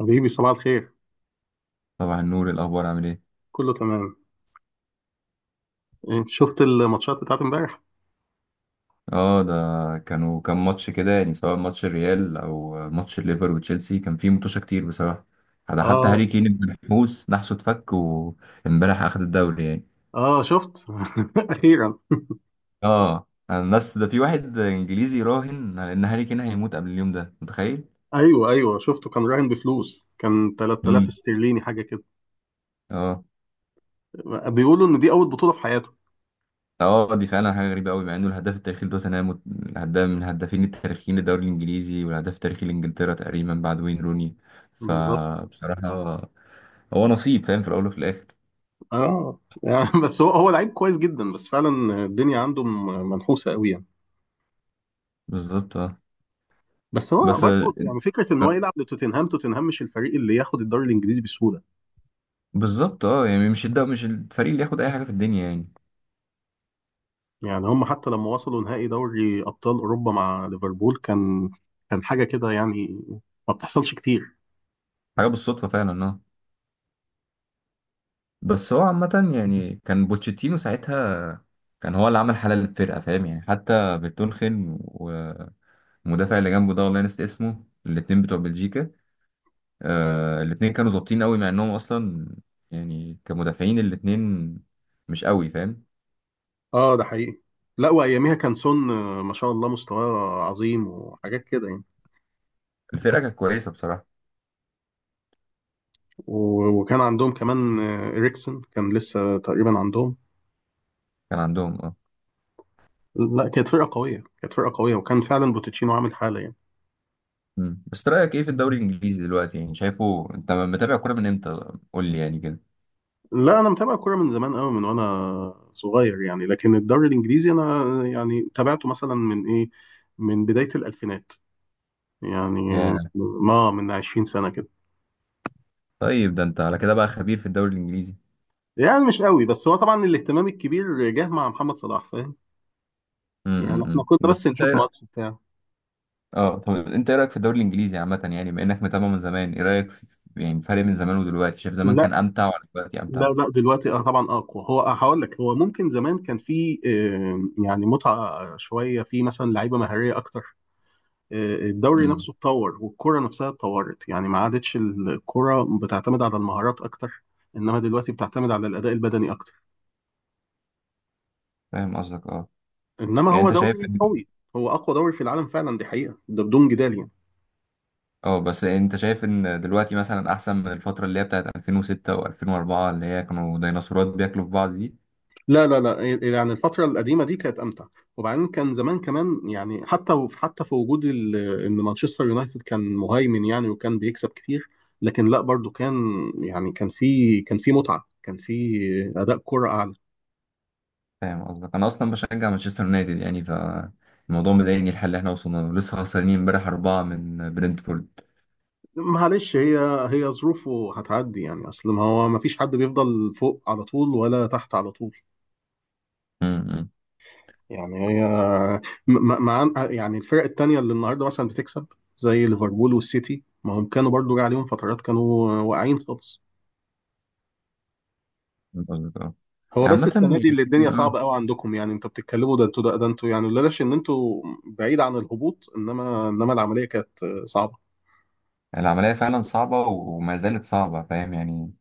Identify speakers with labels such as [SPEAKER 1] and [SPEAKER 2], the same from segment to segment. [SPEAKER 1] حبيبي صباح الخير.
[SPEAKER 2] صباح النور، الاخبار عامل ايه؟
[SPEAKER 1] كله تمام. شفت الماتشات بتاعت امبارح.
[SPEAKER 2] اه ده، كان ماتش كده يعني، سواء ماتش الريال او ماتش الليفر وتشيلسي، كان فيه متوشه كتير بصراحه. ده حتى
[SPEAKER 1] اه.
[SPEAKER 2] هاري كين ابن الحوس نحسه اتفك، وامبارح اخد الدوري يعني.
[SPEAKER 1] اه شفت. اخيرا.
[SPEAKER 2] اه الناس ده، في واحد انجليزي راهن على ان هاري كين هيموت قبل اليوم ده، متخيل؟
[SPEAKER 1] ايوه ايوه شفته، كان راهن بفلوس، كان 3000
[SPEAKER 2] امم
[SPEAKER 1] استرليني حاجه كده.
[SPEAKER 2] اه.
[SPEAKER 1] بيقولوا ان دي اول بطوله في حياته.
[SPEAKER 2] اه دي فعلا حاجه غريبه قوي، مع انه الهداف التاريخي لتوتنهام، الهداف من الهدافين التاريخيين للدوري الانجليزي، والهداف التاريخي لانجلترا تقريبا بعد وين روني.
[SPEAKER 1] بالظبط.
[SPEAKER 2] فبصراحه هو نصيب، فاهم، في الاول وفي الاخر.
[SPEAKER 1] اه يعني بس هو لعيب كويس جدا، بس فعلا الدنيا عنده منحوسه قوي يعني.
[SPEAKER 2] بالظبط اه.
[SPEAKER 1] بس هو
[SPEAKER 2] بس
[SPEAKER 1] برضه يعني فكره ان هو يلعب لتوتنهام، توتنهام مش الفريق اللي ياخد الدوري الانجليزي بسهوله.
[SPEAKER 2] بالظبط اه. يعني مش الفريق اللي ياخد اي حاجه في الدنيا يعني.
[SPEAKER 1] يعني هم حتى لما وصلوا نهائي دوري أبطال أوروبا مع ليفربول كان، كان حاجة كده يعني، ما بتحصلش كتير.
[SPEAKER 2] حاجه بالصدفه فعلا اه. بس هو عامه يعني، كان بوتشيتينو ساعتها كان هو اللي عمل حاله للفرقه، فاهم يعني. حتى فيرتونخن والمدافع اللي جنبه ده، والله نسيت اسمه، الاتنين بتوع بلجيكا، آه الاتنين كانوا ظابطين قوي مع انهم اصلا يعني كمدافعين، الاتنين مش قوي، فاهم.
[SPEAKER 1] اه ده حقيقي. لا، وأياميها كان سون ما شاء الله مستواه عظيم وحاجات كده يعني.
[SPEAKER 2] الفرقه كانت كويسه بصراحه.
[SPEAKER 1] و- وكان عندهم كمان إريكسن كان لسه تقريبا عندهم.
[SPEAKER 2] كان عندهم اه.
[SPEAKER 1] لا، كانت فرقة قوية، كانت فرقة قوية، وكان فعلا بوتيتشينو عامل حالة يعني.
[SPEAKER 2] بس رأيك ايه في الدوري الانجليزي دلوقتي؟ يعني شايفه، انت متابع كوره من امتى قول لي يعني كده.
[SPEAKER 1] لا، أنا متابع الكورة من زمان قوي، من وأنا صغير يعني. لكن الدوري الإنجليزي أنا يعني تابعته مثلا من إيه، من بداية الألفينات يعني،
[SPEAKER 2] يا،
[SPEAKER 1] ما من 20 سنة كده.
[SPEAKER 2] طيب ده انت على كده بقى خبير في الدوري الانجليزي.
[SPEAKER 1] يعني مش قوي، بس هو طبعا الاهتمام الكبير جه مع محمد صلاح، فاهم؟ يعني احنا كنا بس
[SPEAKER 2] بس
[SPEAKER 1] نشوف ماتش بتاع.
[SPEAKER 2] اه طب انت ايه رأيك في الدوري الانجليزي عامة، يعني بما انك متابع من زمان، ايه رأيك في يعني فرق من زمان ودلوقتي؟ شايف زمان
[SPEAKER 1] لا
[SPEAKER 2] كان امتع ولا دلوقتي
[SPEAKER 1] لا
[SPEAKER 2] امتع؟
[SPEAKER 1] لا دلوقتي اه طبعا اقوى. هو آه هقول لك، هو ممكن زمان كان في يعني متعة شوية في مثلا لعيبة مهارية اكتر. الدوري
[SPEAKER 2] امم
[SPEAKER 1] نفسه اتطور والكرة نفسها اتطورت، يعني ما عادتش الكرة بتعتمد على المهارات اكتر، انما دلوقتي بتعتمد على الاداء البدني اكتر.
[SPEAKER 2] فاهم قصدك اه.
[SPEAKER 1] انما
[SPEAKER 2] يعني
[SPEAKER 1] هو
[SPEAKER 2] انت شايف
[SPEAKER 1] دوري
[SPEAKER 2] ان
[SPEAKER 1] قوي، هو اقوى دوري في العالم فعلا، دي حقيقة، ده بدون جدال يعني.
[SPEAKER 2] اه، بس انت شايف ان دلوقتي مثلا احسن من الفترة اللي هي بتاعت 2006 و2004، اللي هي كانوا ديناصورات بياكلوا في بعض دي؟
[SPEAKER 1] لا إيه، إيه، يعني الفترة القديمة دي كانت أمتع. وبعدين كان زمان كمان يعني، حتى حتى في وجود إن مانشستر يونايتد كان مهيمن يعني، وكان بيكسب كتير، لكن لا برضو كان يعني، كان في، كان في متعة، كان في أداء كرة أعلى.
[SPEAKER 2] فاهم قصدك. انا اصلا بشجع مانشستر يونايتد، يعني فالموضوع مضايقني، الحل اللي احنا وصلنا له. لسه خسرانين امبارح اربعه من برنتفورد.
[SPEAKER 1] معلش، هي، هي ظروفه هتعدي يعني. أصل ما هو ما فيش حد بيفضل فوق على طول ولا تحت على طول.
[SPEAKER 2] امم
[SPEAKER 1] يعني هي مع يعني الفرق التانية اللي النهاردة مثلا بتكسب زي ليفربول والسيتي، ما هم كانوا برضو جه عليهم فترات كانوا واقعين خالص.
[SPEAKER 2] فاهم قصدك اه.
[SPEAKER 1] هو
[SPEAKER 2] يعني
[SPEAKER 1] بس السنه
[SPEAKER 2] عامه،
[SPEAKER 1] دي اللي
[SPEAKER 2] يعني،
[SPEAKER 1] الدنيا
[SPEAKER 2] آه،
[SPEAKER 1] صعبه قوي عندكم يعني. انتوا بتتكلموا ده انتوا ده انتوا يعني لولاش ان انتوا بعيد عن الهبوط، انما العمليه كانت صعبه.
[SPEAKER 2] العمليه فعلا صعبه وما زالت صعبه، فاهم يعني.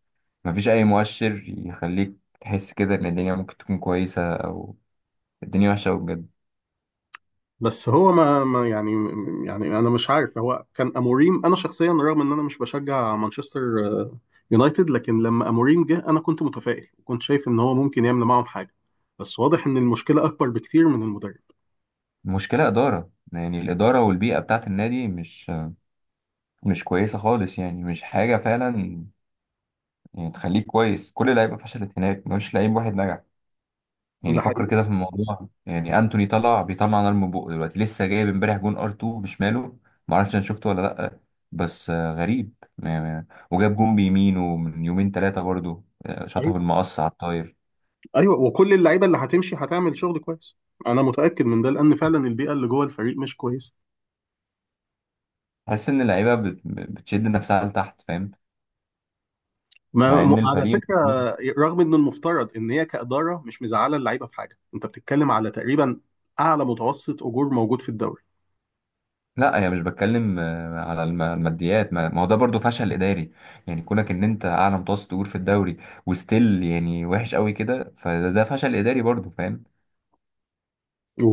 [SPEAKER 2] ما فيش اي مؤشر يخليك تحس كده ان الدنيا ممكن تكون كويسه، او الدنيا وحشه أوي بجد.
[SPEAKER 1] بس هو ما يعني، يعني انا مش عارف، هو كان اموريم، انا شخصيا رغم ان انا مش بشجع مانشستر آه، يونايتد، لكن لما اموريم جه انا كنت متفائل وكنت شايف ان هو ممكن يعمل معاهم حاجه، بس واضح ان المشكله اكبر بكتير من المدرب.
[SPEAKER 2] المشكله اداره، يعني الاداره والبيئه بتاعت النادي مش كويسه خالص، يعني مش حاجه فعلا يعني تخليك كويس. كل اللعيبه فشلت هناك، مفيش لعيب واحد نجح. يعني
[SPEAKER 1] ده
[SPEAKER 2] فكر
[SPEAKER 1] حقيقي.
[SPEAKER 2] كده في الموضوع يعني. انتوني طلع بيطلع نار من بقه دلوقتي، لسه جايب امبارح جون ار 2 بشماله. ما اعرفش انا شفته ولا لا، بس غريب. وجاب جون بيمينه من يومين ثلاثه برضو، شاطها
[SPEAKER 1] حقيقي.
[SPEAKER 2] بالمقص على الطاير.
[SPEAKER 1] ايوه، وكل اللعيبه اللي هتمشي هتعمل شغل كويس، انا متاكد من ده، لان فعلا البيئه اللي جوه الفريق مش كويسه.
[SPEAKER 2] تحس ان اللعيبه بتشد نفسها لتحت، فاهم؟
[SPEAKER 1] ما
[SPEAKER 2] مع ان
[SPEAKER 1] على
[SPEAKER 2] الفريق
[SPEAKER 1] فكره، رغم ان المفترض ان هي كاداره مش مزعله اللعيبه في حاجه، انت بتتكلم على تقريبا اعلى متوسط اجور موجود في الدوري.
[SPEAKER 2] لا، انا مش بتكلم على الماديات. ما ما هو ده برضو فشل اداري، يعني كونك ان انت اعلى متوسط اجور في الدوري، وستيل يعني وحش قوي كده، فده فشل اداري برضو، فاهم.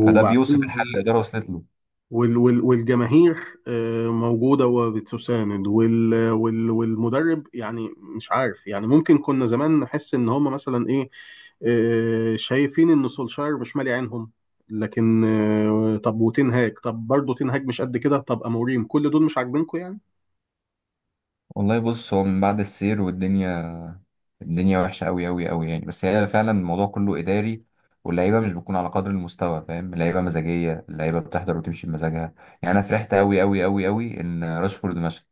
[SPEAKER 2] فده بيوصف الحل اللي الإدارة وصلت له.
[SPEAKER 1] وال والجماهير موجوده وبتساند وال والمدرب يعني. مش عارف يعني، ممكن كنا زمان نحس ان هم مثلا ايه، شايفين ان سولشاير مش مالي عينهم، لكن طب وتنهاج، طب برضه تنهاج مش قد كده، طب اموريم، كل دول مش عاجبينكم يعني.
[SPEAKER 2] والله بص، هو من بعد السير والدنيا، الدنيا وحشة أوي أوي أوي يعني. بس هي فعلا الموضوع كله إداري، واللعيبة مش بتكون على قدر المستوى، فاهم. اللعيبة مزاجية، اللعيبة بتحضر وتمشي بمزاجها يعني. أنا فرحت أوي أوي أوي أوي إن راشفورد مشى.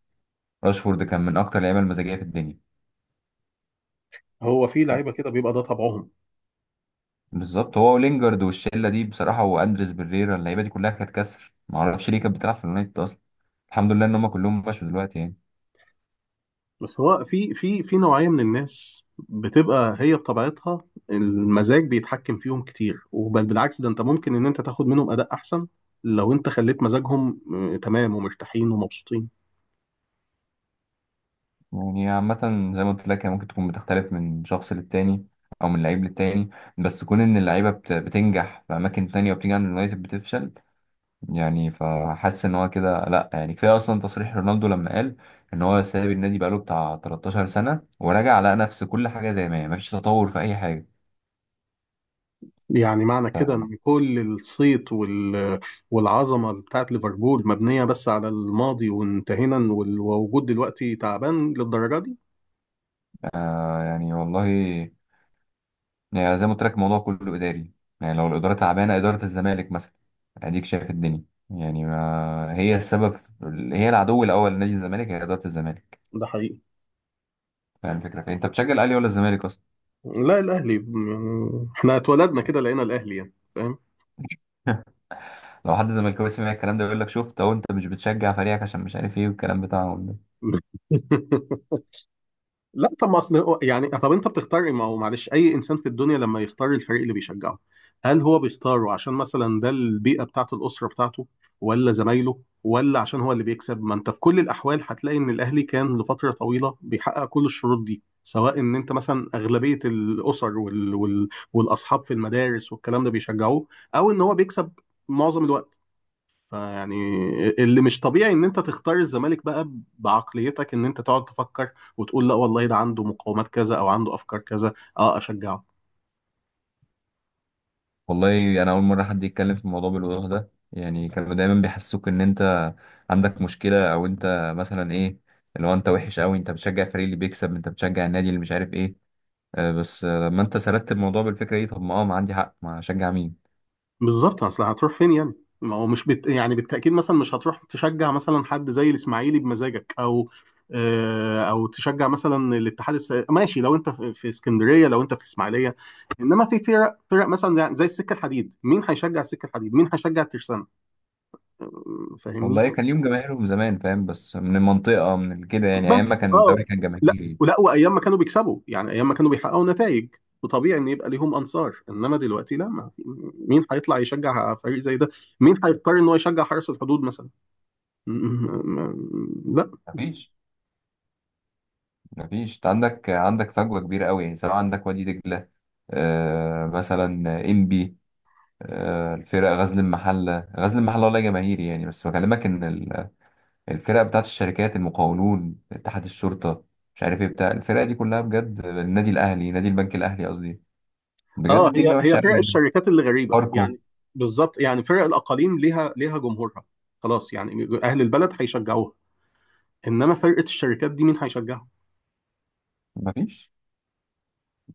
[SPEAKER 2] راشفورد كان من أكتر اللعيبة المزاجية في الدنيا.
[SPEAKER 1] هو في لعيبه كده بيبقى ده طبعهم.
[SPEAKER 2] بالظبط، هو ولينجارد والشلة دي بصراحة، وأندريس بريرا، اللعيبة دي كلها كانت كسر، معرفش ليه كانت بتلعب في اليونايتد أصلا. الحمد لله إن هما كلهم مشوا دلوقتي يعني.
[SPEAKER 1] بس هو في في نوعية من الناس بتبقى هي بطبيعتها المزاج بيتحكم فيهم كتير، وبل بالعكس، ده انت ممكن ان انت تاخد منهم اداء احسن لو انت خليت مزاجهم تمام، ومرتاحين ومبسوطين.
[SPEAKER 2] يعني عامة، زي ما قلت لك، هي ممكن تكون بتختلف من شخص للتاني، أو من لعيب للتاني. بس كون إن اللعيبة بتنجح في أماكن تانية وبتيجي عند اليونايتد بتفشل، يعني فحاسس إن هو كده لأ يعني. كفاية أصلا تصريح رونالدو لما قال إن هو ساب النادي بقاله بتاع 13 سنة، ورجع لقى نفس كل حاجة زي ما هي، مفيش تطور في أي حاجة.
[SPEAKER 1] يعني معنى كده ان كل الصيت والعظمة بتاعت ليفربول مبنية بس على الماضي وانتهينا، ووجود دلوقتي تعبان للدرجة دي.
[SPEAKER 2] آه يعني والله، يعني زي ما قلت لك الموضوع كله اداري. يعني لو الاداره تعبانه، اداره الزمالك مثلا، اديك شايف الدنيا. يعني ما هي السبب، هي العدو الاول لنادي الزمالك هي اداره الزمالك.
[SPEAKER 1] ده حقيقي.
[SPEAKER 2] فاهم الفكره. فانت بتشجع الاهلي ولا الزمالك اصلا؟
[SPEAKER 1] لا، الاهلي، احنا اتولدنا كده لقينا الاهلي يعني، فاهم؟
[SPEAKER 2] لو حد زملكاوي سمع الكلام ده يقول لك شفت اهو، انت مش بتشجع فريقك عشان مش عارف ايه، والكلام بتاعهم ده.
[SPEAKER 1] لا طب ما اصل يعني، طب انت بتختار، ما هو معلش اي انسان في الدنيا لما يختار الفريق اللي بيشجعه، هل هو بيختاره عشان مثلا ده البيئه بتاعته، الاسره بتاعته، ولا زمايله، ولا عشان هو اللي بيكسب؟ ما انت في كل الاحوال هتلاقي ان الاهلي كان لفتره طويله بيحقق كل الشروط دي، سواء ان انت مثلا اغلبيه الاسر والاصحاب في المدارس والكلام ده بيشجعوه، او ان هو بيكسب معظم الوقت. فيعني اللي مش طبيعي ان انت تختار الزمالك بقى بعقليتك، ان انت تقعد تفكر وتقول لا والله ده عنده مقومات كذا او عنده افكار كذا اه اشجعه.
[SPEAKER 2] والله انا اول مره حد يتكلم في الموضوع بالوضوح ده يعني. كانوا دايما بيحسوك ان انت عندك مشكله، او انت مثلا ايه، اللي هو انت وحش قوي، انت بتشجع الفريق اللي بيكسب، انت بتشجع النادي اللي مش عارف ايه. بس لما انت سردت الموضوع بالفكره دي، طب ما اه ما عندي حق، ما اشجع مين؟
[SPEAKER 1] بالظبط، اصل هتروح فين يعني؟ ما هو مش بت... يعني بالتاكيد مثلا مش هتروح تشجع مثلا حد زي الاسماعيلي بمزاجك، او او تشجع مثلا ماشي، لو انت في في اسكندريه، لو انت في الاسماعيليه. انما في فرق مثلا زي السكه الحديد، مين هيشجع السكه الحديد، مين هيشجع الترسانه؟ فاهمني؟
[SPEAKER 2] والله كان ليهم جماهيرهم زمان، فاهم، بس من المنطقه من كده يعني،
[SPEAKER 1] بس
[SPEAKER 2] ايام ما كان الدوري
[SPEAKER 1] اه،
[SPEAKER 2] كان
[SPEAKER 1] لا
[SPEAKER 2] جماهيري.
[SPEAKER 1] ولا وايام ما كانوا بيكسبوا يعني، ايام ما كانوا بيحققوا نتائج وطبيعي ان يبقى ليهم انصار، انما دلوقتي لا. ما مين هيطلع يشجع فريق زي ده؟ مين هيضطر ان هو يشجع حرس الحدود مثلا؟ م- م- لا.
[SPEAKER 2] مفيش مفيش. انت عندك فجوه كبيره قوي يعني، سواء عندك وادي دجله، آه مثلا، انبي، آه الفرق، غزل المحله، غزل المحله والله جماهيري يعني، بس بكلمك ان الفرق بتاعت الشركات، المقاولون، اتحاد الشرطه، مش عارف ايه بتاع، الفرق دي كلها بجد، النادي الاهلي، نادي البنك الاهلي قصدي، بجد
[SPEAKER 1] اه، هي
[SPEAKER 2] الدنيا
[SPEAKER 1] هي
[SPEAKER 2] وحشه
[SPEAKER 1] فرق
[SPEAKER 2] قوي.
[SPEAKER 1] الشركات اللي غريبه
[SPEAKER 2] فاركو.
[SPEAKER 1] يعني. بالظبط، يعني فرق الاقاليم ليها، ليها جمهورها، خلاص يعني اهل البلد هيشجعوها، انما فرقه الشركات دي مين هيشجعها؟
[SPEAKER 2] مفيش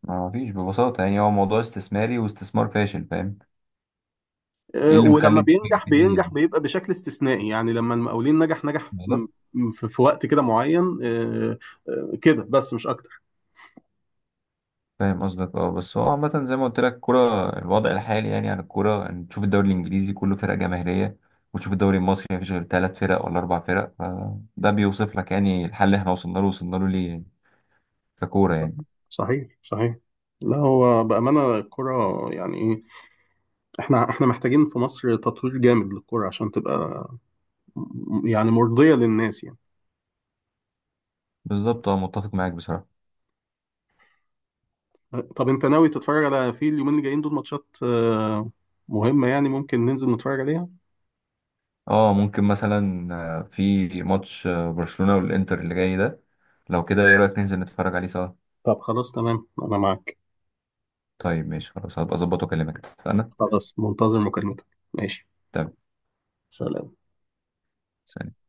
[SPEAKER 2] مفيش ببساطة، يعني هو موضوع استثماري واستثمار فاشل، فاهم. ايه اللي مخلي
[SPEAKER 1] ولما
[SPEAKER 2] الدنيا
[SPEAKER 1] بينجح بينجح
[SPEAKER 2] دي؟
[SPEAKER 1] بيبقى بشكل استثنائي يعني، لما المقاولين نجح، نجح
[SPEAKER 2] بالظبط.
[SPEAKER 1] في في وقت كده معين كده بس مش اكتر.
[SPEAKER 2] فاهم قصدك اه. بس هو عامة زي ما قلت لك الكورة، الوضع الحالي يعني عن الكورة، ان تشوف الدوري الانجليزي كله فرق جماهيرية، وتشوف الدوري المصري مفيش غير ثلاث فرق ولا اربع فرق، فده بيوصف لك يعني الحل اللي احنا وصلنا له ليه يعني، ككورة يعني.
[SPEAKER 1] صحيح، صحيح، صحيح. لا هو بأمانة الكرة يعني ايه، احنا محتاجين في مصر تطوير جامد للكرة عشان تبقى يعني مرضية للناس يعني.
[SPEAKER 2] بالظبط اه، متفق معاك بصراحة.
[SPEAKER 1] طب انت ناوي تتفرج على، في اليومين اللي جايين دول، ماتشات مهمة يعني، ممكن ننزل نتفرج عليها؟
[SPEAKER 2] اه ممكن مثلا، في ماتش برشلونة والانتر اللي جاي ده. لو كده ايه رأيك ننزل نتفرج عليه سوا؟
[SPEAKER 1] طب خلاص تمام، انا معاك.
[SPEAKER 2] طيب ماشي، خلاص هبقى اظبط واكلمك، اتفقنا.
[SPEAKER 1] خلاص منتظر مكالمتك. ماشي.
[SPEAKER 2] تمام.
[SPEAKER 1] سلام.
[SPEAKER 2] سلام.